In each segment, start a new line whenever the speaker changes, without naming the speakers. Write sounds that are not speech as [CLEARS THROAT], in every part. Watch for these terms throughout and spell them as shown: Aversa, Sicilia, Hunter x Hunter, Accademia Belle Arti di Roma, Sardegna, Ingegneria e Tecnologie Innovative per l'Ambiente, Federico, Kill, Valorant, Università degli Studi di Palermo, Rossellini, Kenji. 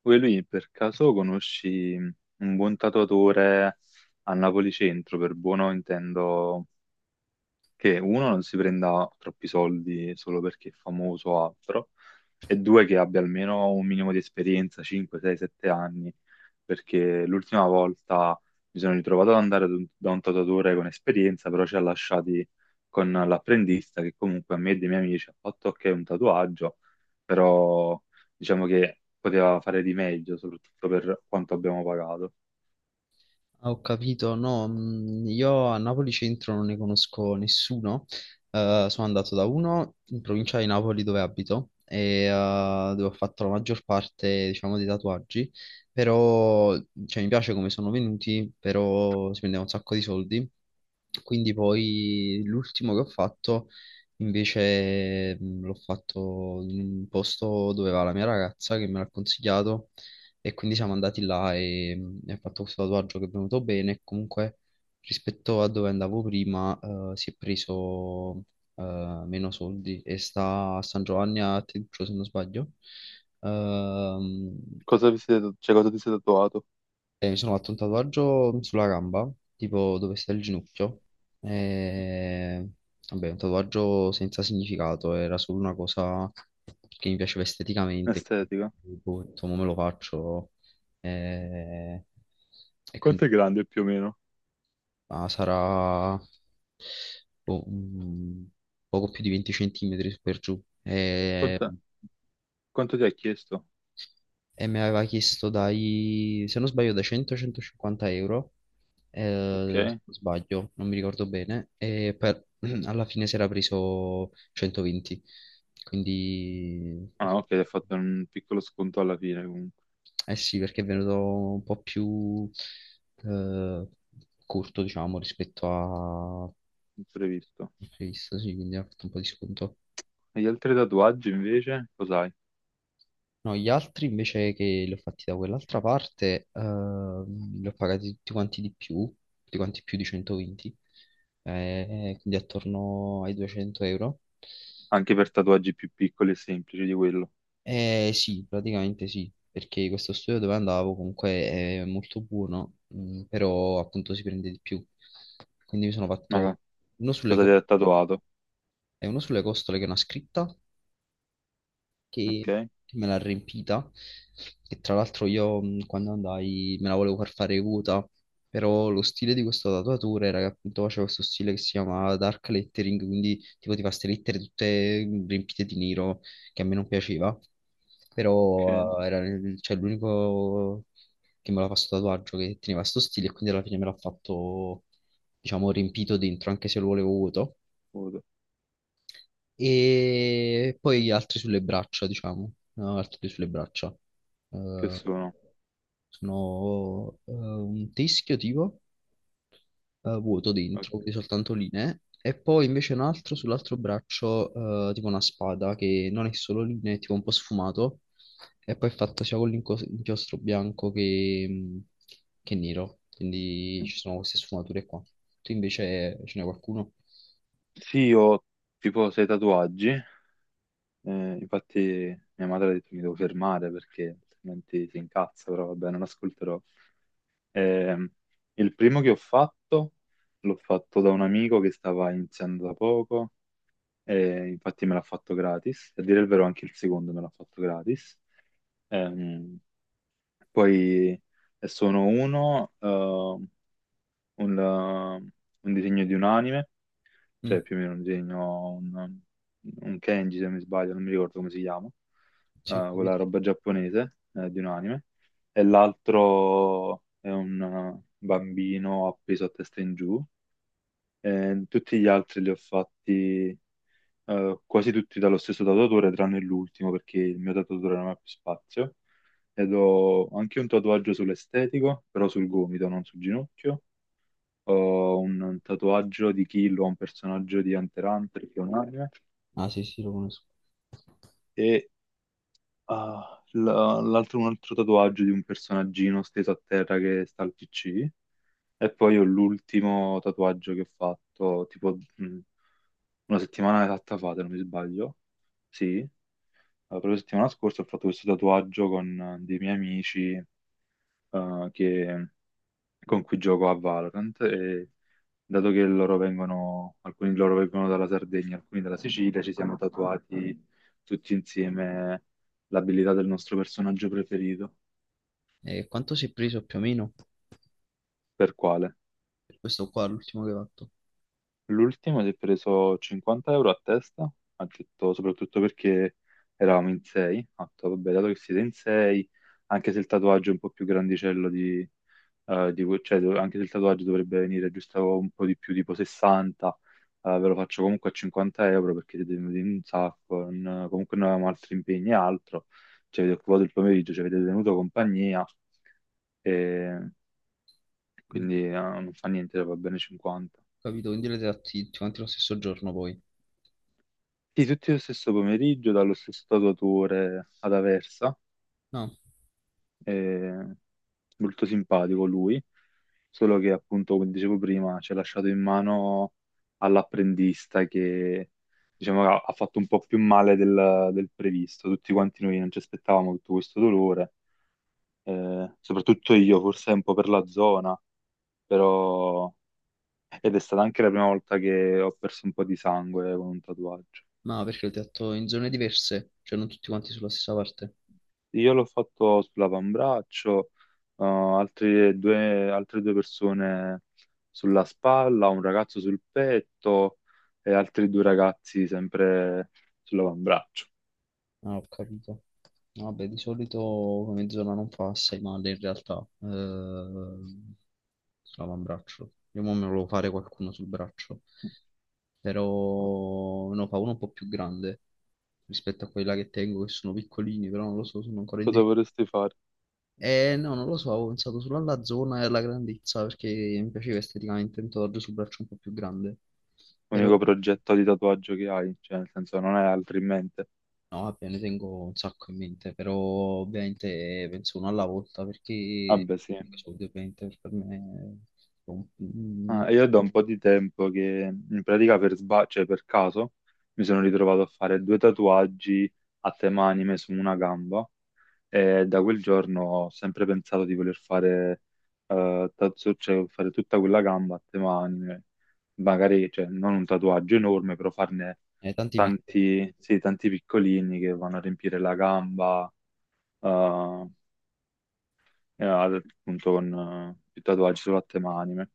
Poi lui per caso conosci un buon tatuatore a Napoli Centro? Per buono intendo che uno non si prenda troppi soldi solo perché è famoso o altro, e due che abbia almeno un minimo di esperienza, 5, 6, 7 anni, perché l'ultima volta mi sono ritrovato ad andare da un tatuatore con esperienza, però ci ha lasciati con l'apprendista che comunque a me e dei miei amici ha fatto ok un tatuaggio, però diciamo che poteva fare di meglio, soprattutto per quanto abbiamo pagato.
Ah, ho capito, no, io a Napoli Centro non ne conosco nessuno. Sono andato da uno in provincia di Napoli dove abito e dove ho fatto la maggior parte, diciamo, dei tatuaggi, però cioè, mi piace come sono venuti, però si prendeva un sacco di soldi, quindi poi l'ultimo che ho fatto invece l'ho fatto in un posto dove va la mia ragazza che me l'ha consigliato e quindi siamo andati là e ho fatto questo tatuaggio che è venuto bene. Comunque, rispetto a dove andavo prima, si è preso meno soldi e sta a San Giovanni a Teduccio, se non sbaglio. Ehm,
Cosa vi siete, cioè, cosa ti sei tatuato?
e mi sono fatto un tatuaggio sulla gamba, tipo dove sta il ginocchio. E... Vabbè, un tatuaggio senza significato, era solo una cosa che mi piaceva esteticamente.
Estetica.
Boh, ho detto, "Mo me lo faccio." E, e quindi
Quanto è grande più o meno?
ah, sarà boh, un poco più di 20 centimetri su per giù.
Conta- Quanto ti ha chiesto?
E me l'aveva chiesto dai, se non sbaglio, da 100-150 euro, se
Ok.
non sbaglio, non mi ricordo bene. [CLEARS THROAT] Alla fine si era preso 120. Quindi,
Ah, ok, hai fatto un piccolo sconto alla fine, comunque,
eh sì, perché è venuto un po' più eh, corto, diciamo, rispetto a
imprevisto.
previsto, sì, quindi ha fatto un po' di sconto.
E gli altri tatuaggi invece, cos'hai?
No, gli altri invece che li ho fatti da quell'altra parte, li ho pagati tutti quanti di più, tutti quanti più di 120, quindi attorno ai 200 euro.
Anche per tatuaggi più piccoli e semplici di quello.
Sì, praticamente sì, perché questo studio dove andavo comunque è molto buono, però appunto si prende di più. Quindi mi sono
Ma
fatto uno sulle
cosa ti
costole
ha tatuato?
e uno sulle costole che è una scritta che,
Ok,
me l'ha riempita, che tra l'altro io quando andai me la volevo far fare acuta, però lo stile di questo tatuatore era che appunto faceva questo stile che si chiama dark lettering, quindi tipo ti fa queste lettere tutte riempite di nero, che a me non piaceva,
ok.
però cioè, l'unico che me l'ha fatto sto tatuaggio che teneva sto stile e quindi alla fine me l'ha fatto diciamo riempito dentro, anche se lo volevo vuoto,
Foto.
e poi gli altri sulle braccia, diciamo, no, altri sulle braccia.
Che
Eh,
sono?
sono un teschio tipo vuoto
Ok.
dentro, quindi soltanto linee, e poi invece un altro sull'altro braccio, tipo una spada che non è solo linee, è tipo un po' sfumato, e poi è fatta sia con l'inchiostro bianco che nero, quindi ci sono queste sfumature qua. Tu invece ce n'è qualcuno?
Sì, io ho tipo sei tatuaggi. Infatti mia madre ha detto che mi devo fermare perché altrimenti si incazza, però vabbè, non ascolterò. Ehm, il primo che ho fatto l'ho fatto da un amico che stava iniziando da poco e infatti me l'ha fatto gratis. A dire il vero anche il secondo me l'ha fatto gratis. Ehm, Poi sono un disegno di un anime, cioè
Mm,
più o meno un disegno, un Kenji se non mi sbaglio, non mi ricordo come si chiama,
sì, ho
quella
capito.
roba giapponese, di un anime, e l'altro è un bambino appeso a testa in giù. E tutti gli altri li ho fatti, quasi tutti dallo stesso tatuatore, tranne l'ultimo perché il mio tatuatore non ha più spazio. Ed ho anche un tatuaggio sull'estetico, però sul gomito, non sul ginocchio. Ho un tatuaggio di Kill, ho un personaggio di Hunter x Hunter, che è un anime,
Ah, sì, sì, lo conosco.
e ah, l'altro, un altro tatuaggio di un personaggino steso a terra che sta al PC. E poi ho l'ultimo tatuaggio che ho fatto, tipo una settimana esatta fa, se non mi sbaglio. Sì, la propria settimana scorsa ho fatto questo tatuaggio con dei miei amici eh, che- con cui gioco a Valorant. E dato che loro vengono, alcuni di loro vengono dalla Sardegna, alcuni dalla Sicilia, ci siamo tatuati tutti insieme l'abilità del nostro personaggio preferito.
E quanto si è preso più o meno?
Per quale?
Questo qua, l'ultimo che hai fatto.
L'ultimo si è preso 50 € a testa, ha detto soprattutto perché eravamo in 6, ha detto vabbè dato che siete in 6, anche se il tatuaggio è un po' più grandicello cioè, anche se il tatuaggio dovrebbe venire giusto un po' di più, tipo 60, ve lo faccio comunque a 50 € perché siete venuti in un sacco, comunque noi avevamo altri impegni e altro, ci avete occupato il pomeriggio, ci avete tenuto compagnia e
Mm.
quindi non fa niente, va bene 50.
Capito? Quindi l'avete fatti tutti quanti lo stesso giorno poi.
Sì, tutti lo stesso pomeriggio, dallo stesso tatuatore ad Aversa,
No,
eh, molto simpatico lui, solo che appunto, come dicevo prima, ci ha lasciato in mano all'apprendista che diciamo, ha fatto un po' più male del previsto. Tutti quanti noi non ci aspettavamo tutto questo dolore, soprattutto io, forse un po' per la zona, però. Ed è stata anche la prima volta che ho perso un po' di sangue con un tatuaggio.
no, perché l'avete fatto in zone diverse, cioè non tutti quanti sulla stessa parte.
Io l'ho fatto sull'avambraccio, altre due persone sulla spalla, un ragazzo sul petto e altri due ragazzi sempre sull'avambraccio.
Ah, ho capito. No, vabbè, di solito come zona non fa assai male in realtà. Sull'avambraccio. Io mo me lo volevo fare qualcuno sul braccio, però ne fa uno un po' più grande rispetto a quella che tengo, che sono piccolini, però non lo so, sono ancora in...
Cosa vorresti fare?
No, non lo so, ho pensato solo alla zona e alla grandezza perché mi piaceva esteticamente un tatuaggio sul braccio un po' più grande. Però,
L'unico progetto di tatuaggio che hai, cioè nel senso non hai altri in mente.
no, vabbè, ne tengo un sacco in mente, però ovviamente penso uno alla volta perché
Vabbè, sì.
soldi ovviamente per me sono un-
Ah, e io da un po' di tempo che in pratica cioè per caso, mi sono ritrovato a fare due tatuaggi a tema anime su una gamba. E da quel giorno ho sempre pensato di voler fare cioè fare tutta quella gamba a tema anime, magari cioè, non un tatuaggio enorme, però farne
tanti piccoli.
tanti, sì, tanti piccolini che vanno a riempire la gamba, eh, e appunto con i tatuaggi solo a tema anime.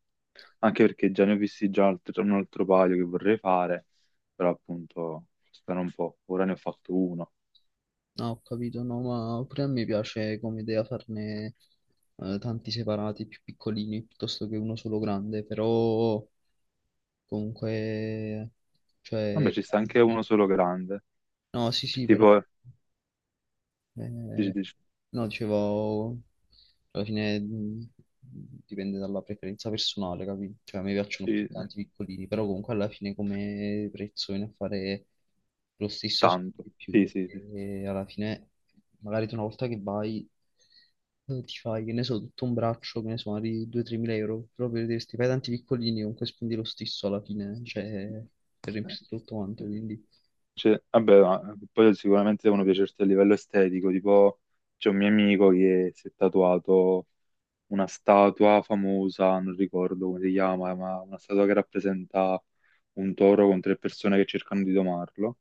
Anche perché già ne ho visti già un altro paio che vorrei fare, però appunto costano un po'. Ora ne ho fatto uno.
No, ho capito, no, ma pure a me piace come idea farne tanti separati, più piccolini, piuttosto che uno solo grande, però comunque,
Vabbè,
cioè...
ci sta anche uno solo grande.
No, sì,
Cioè,
sì, però...
tipo, dici,
eh,
dici,
no, dicevo... Alla fine, dipende dalla preferenza personale, capito? Cioè, a me piacciono più
sì.
tanti piccolini, però comunque alla fine come prezzo viene a fare lo stesso se non
Tanto.
di più,
Sì, sì, sì.
perché alla fine magari tu una volta che vai ti fai, che ne so, tutto un braccio, che ne so, magari 2-3 mila euro, però per dire, se ti fai tanti piccolini, comunque spendi lo stesso alla fine, cioè per
Eh,
riempirti tutto quanto,
sì.
quindi...
Cioè, vabbè, ma poi sicuramente devono piacerti a livello estetico, tipo c'è un mio amico che si è tatuato una statua famosa, non ricordo come si chiama, ma una statua che rappresenta un toro con tre persone che cercano di domarlo.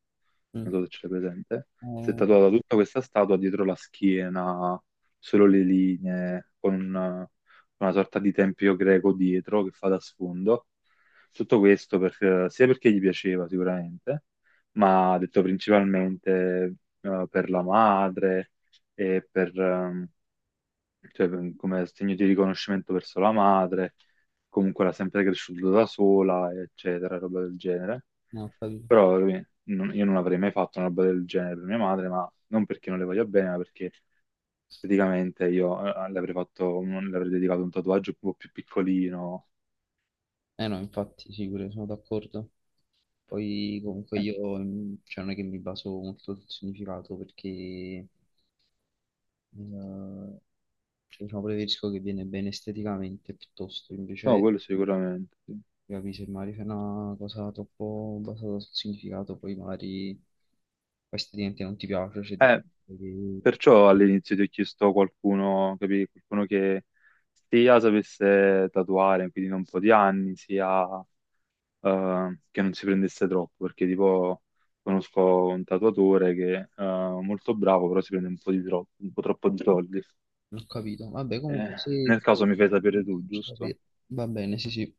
Mm.
Non so se ce l'hai presente, si è
Eh,
tatuata tutta questa statua dietro la schiena, solo le linee, con una sorta di tempio greco dietro che fa da sfondo. Tutto questo sia perché gli piaceva sicuramente, ma ha detto principalmente per la madre e cioè, come segno di riconoscimento verso la madre, comunque l'ha sempre cresciuta da sola, eccetera, roba del genere.
no, ho capito.
Però io non avrei mai fatto una roba del genere per mia madre, ma non perché non le voglia bene, ma perché esteticamente io le avrei fatto, le avrei dedicato un tatuaggio un po' più piccolino.
Eh no, infatti, sì, pure sono d'accordo. Poi comunque
Eh,
io cioè, non è che mi baso molto sul significato perché cioè, diciamo preferisco che viene bene esteticamente piuttosto,
No,
invece
quello sicuramente. Sì.
capi, se magari fai una cosa troppo basata sul significato, poi magari poi esteticamente non ti piace, c'è
Eh,
difficile che...
Perciò all'inizio ti ho chiesto qualcuno, capì? Qualcuno che sia sapesse tatuare, quindi da un po' di anni, sia che non si prendesse troppo, perché tipo conosco un tatuatore che è molto bravo, però si prende un po' di troppo, un po' troppo di soldi.
Non ho capito. Vabbè,
Eh,
comunque se
Nel
trovo
caso mi fai sapere
qualcuno,
tu,
faccio
giusto?
sapere. Va bene, sì, sì.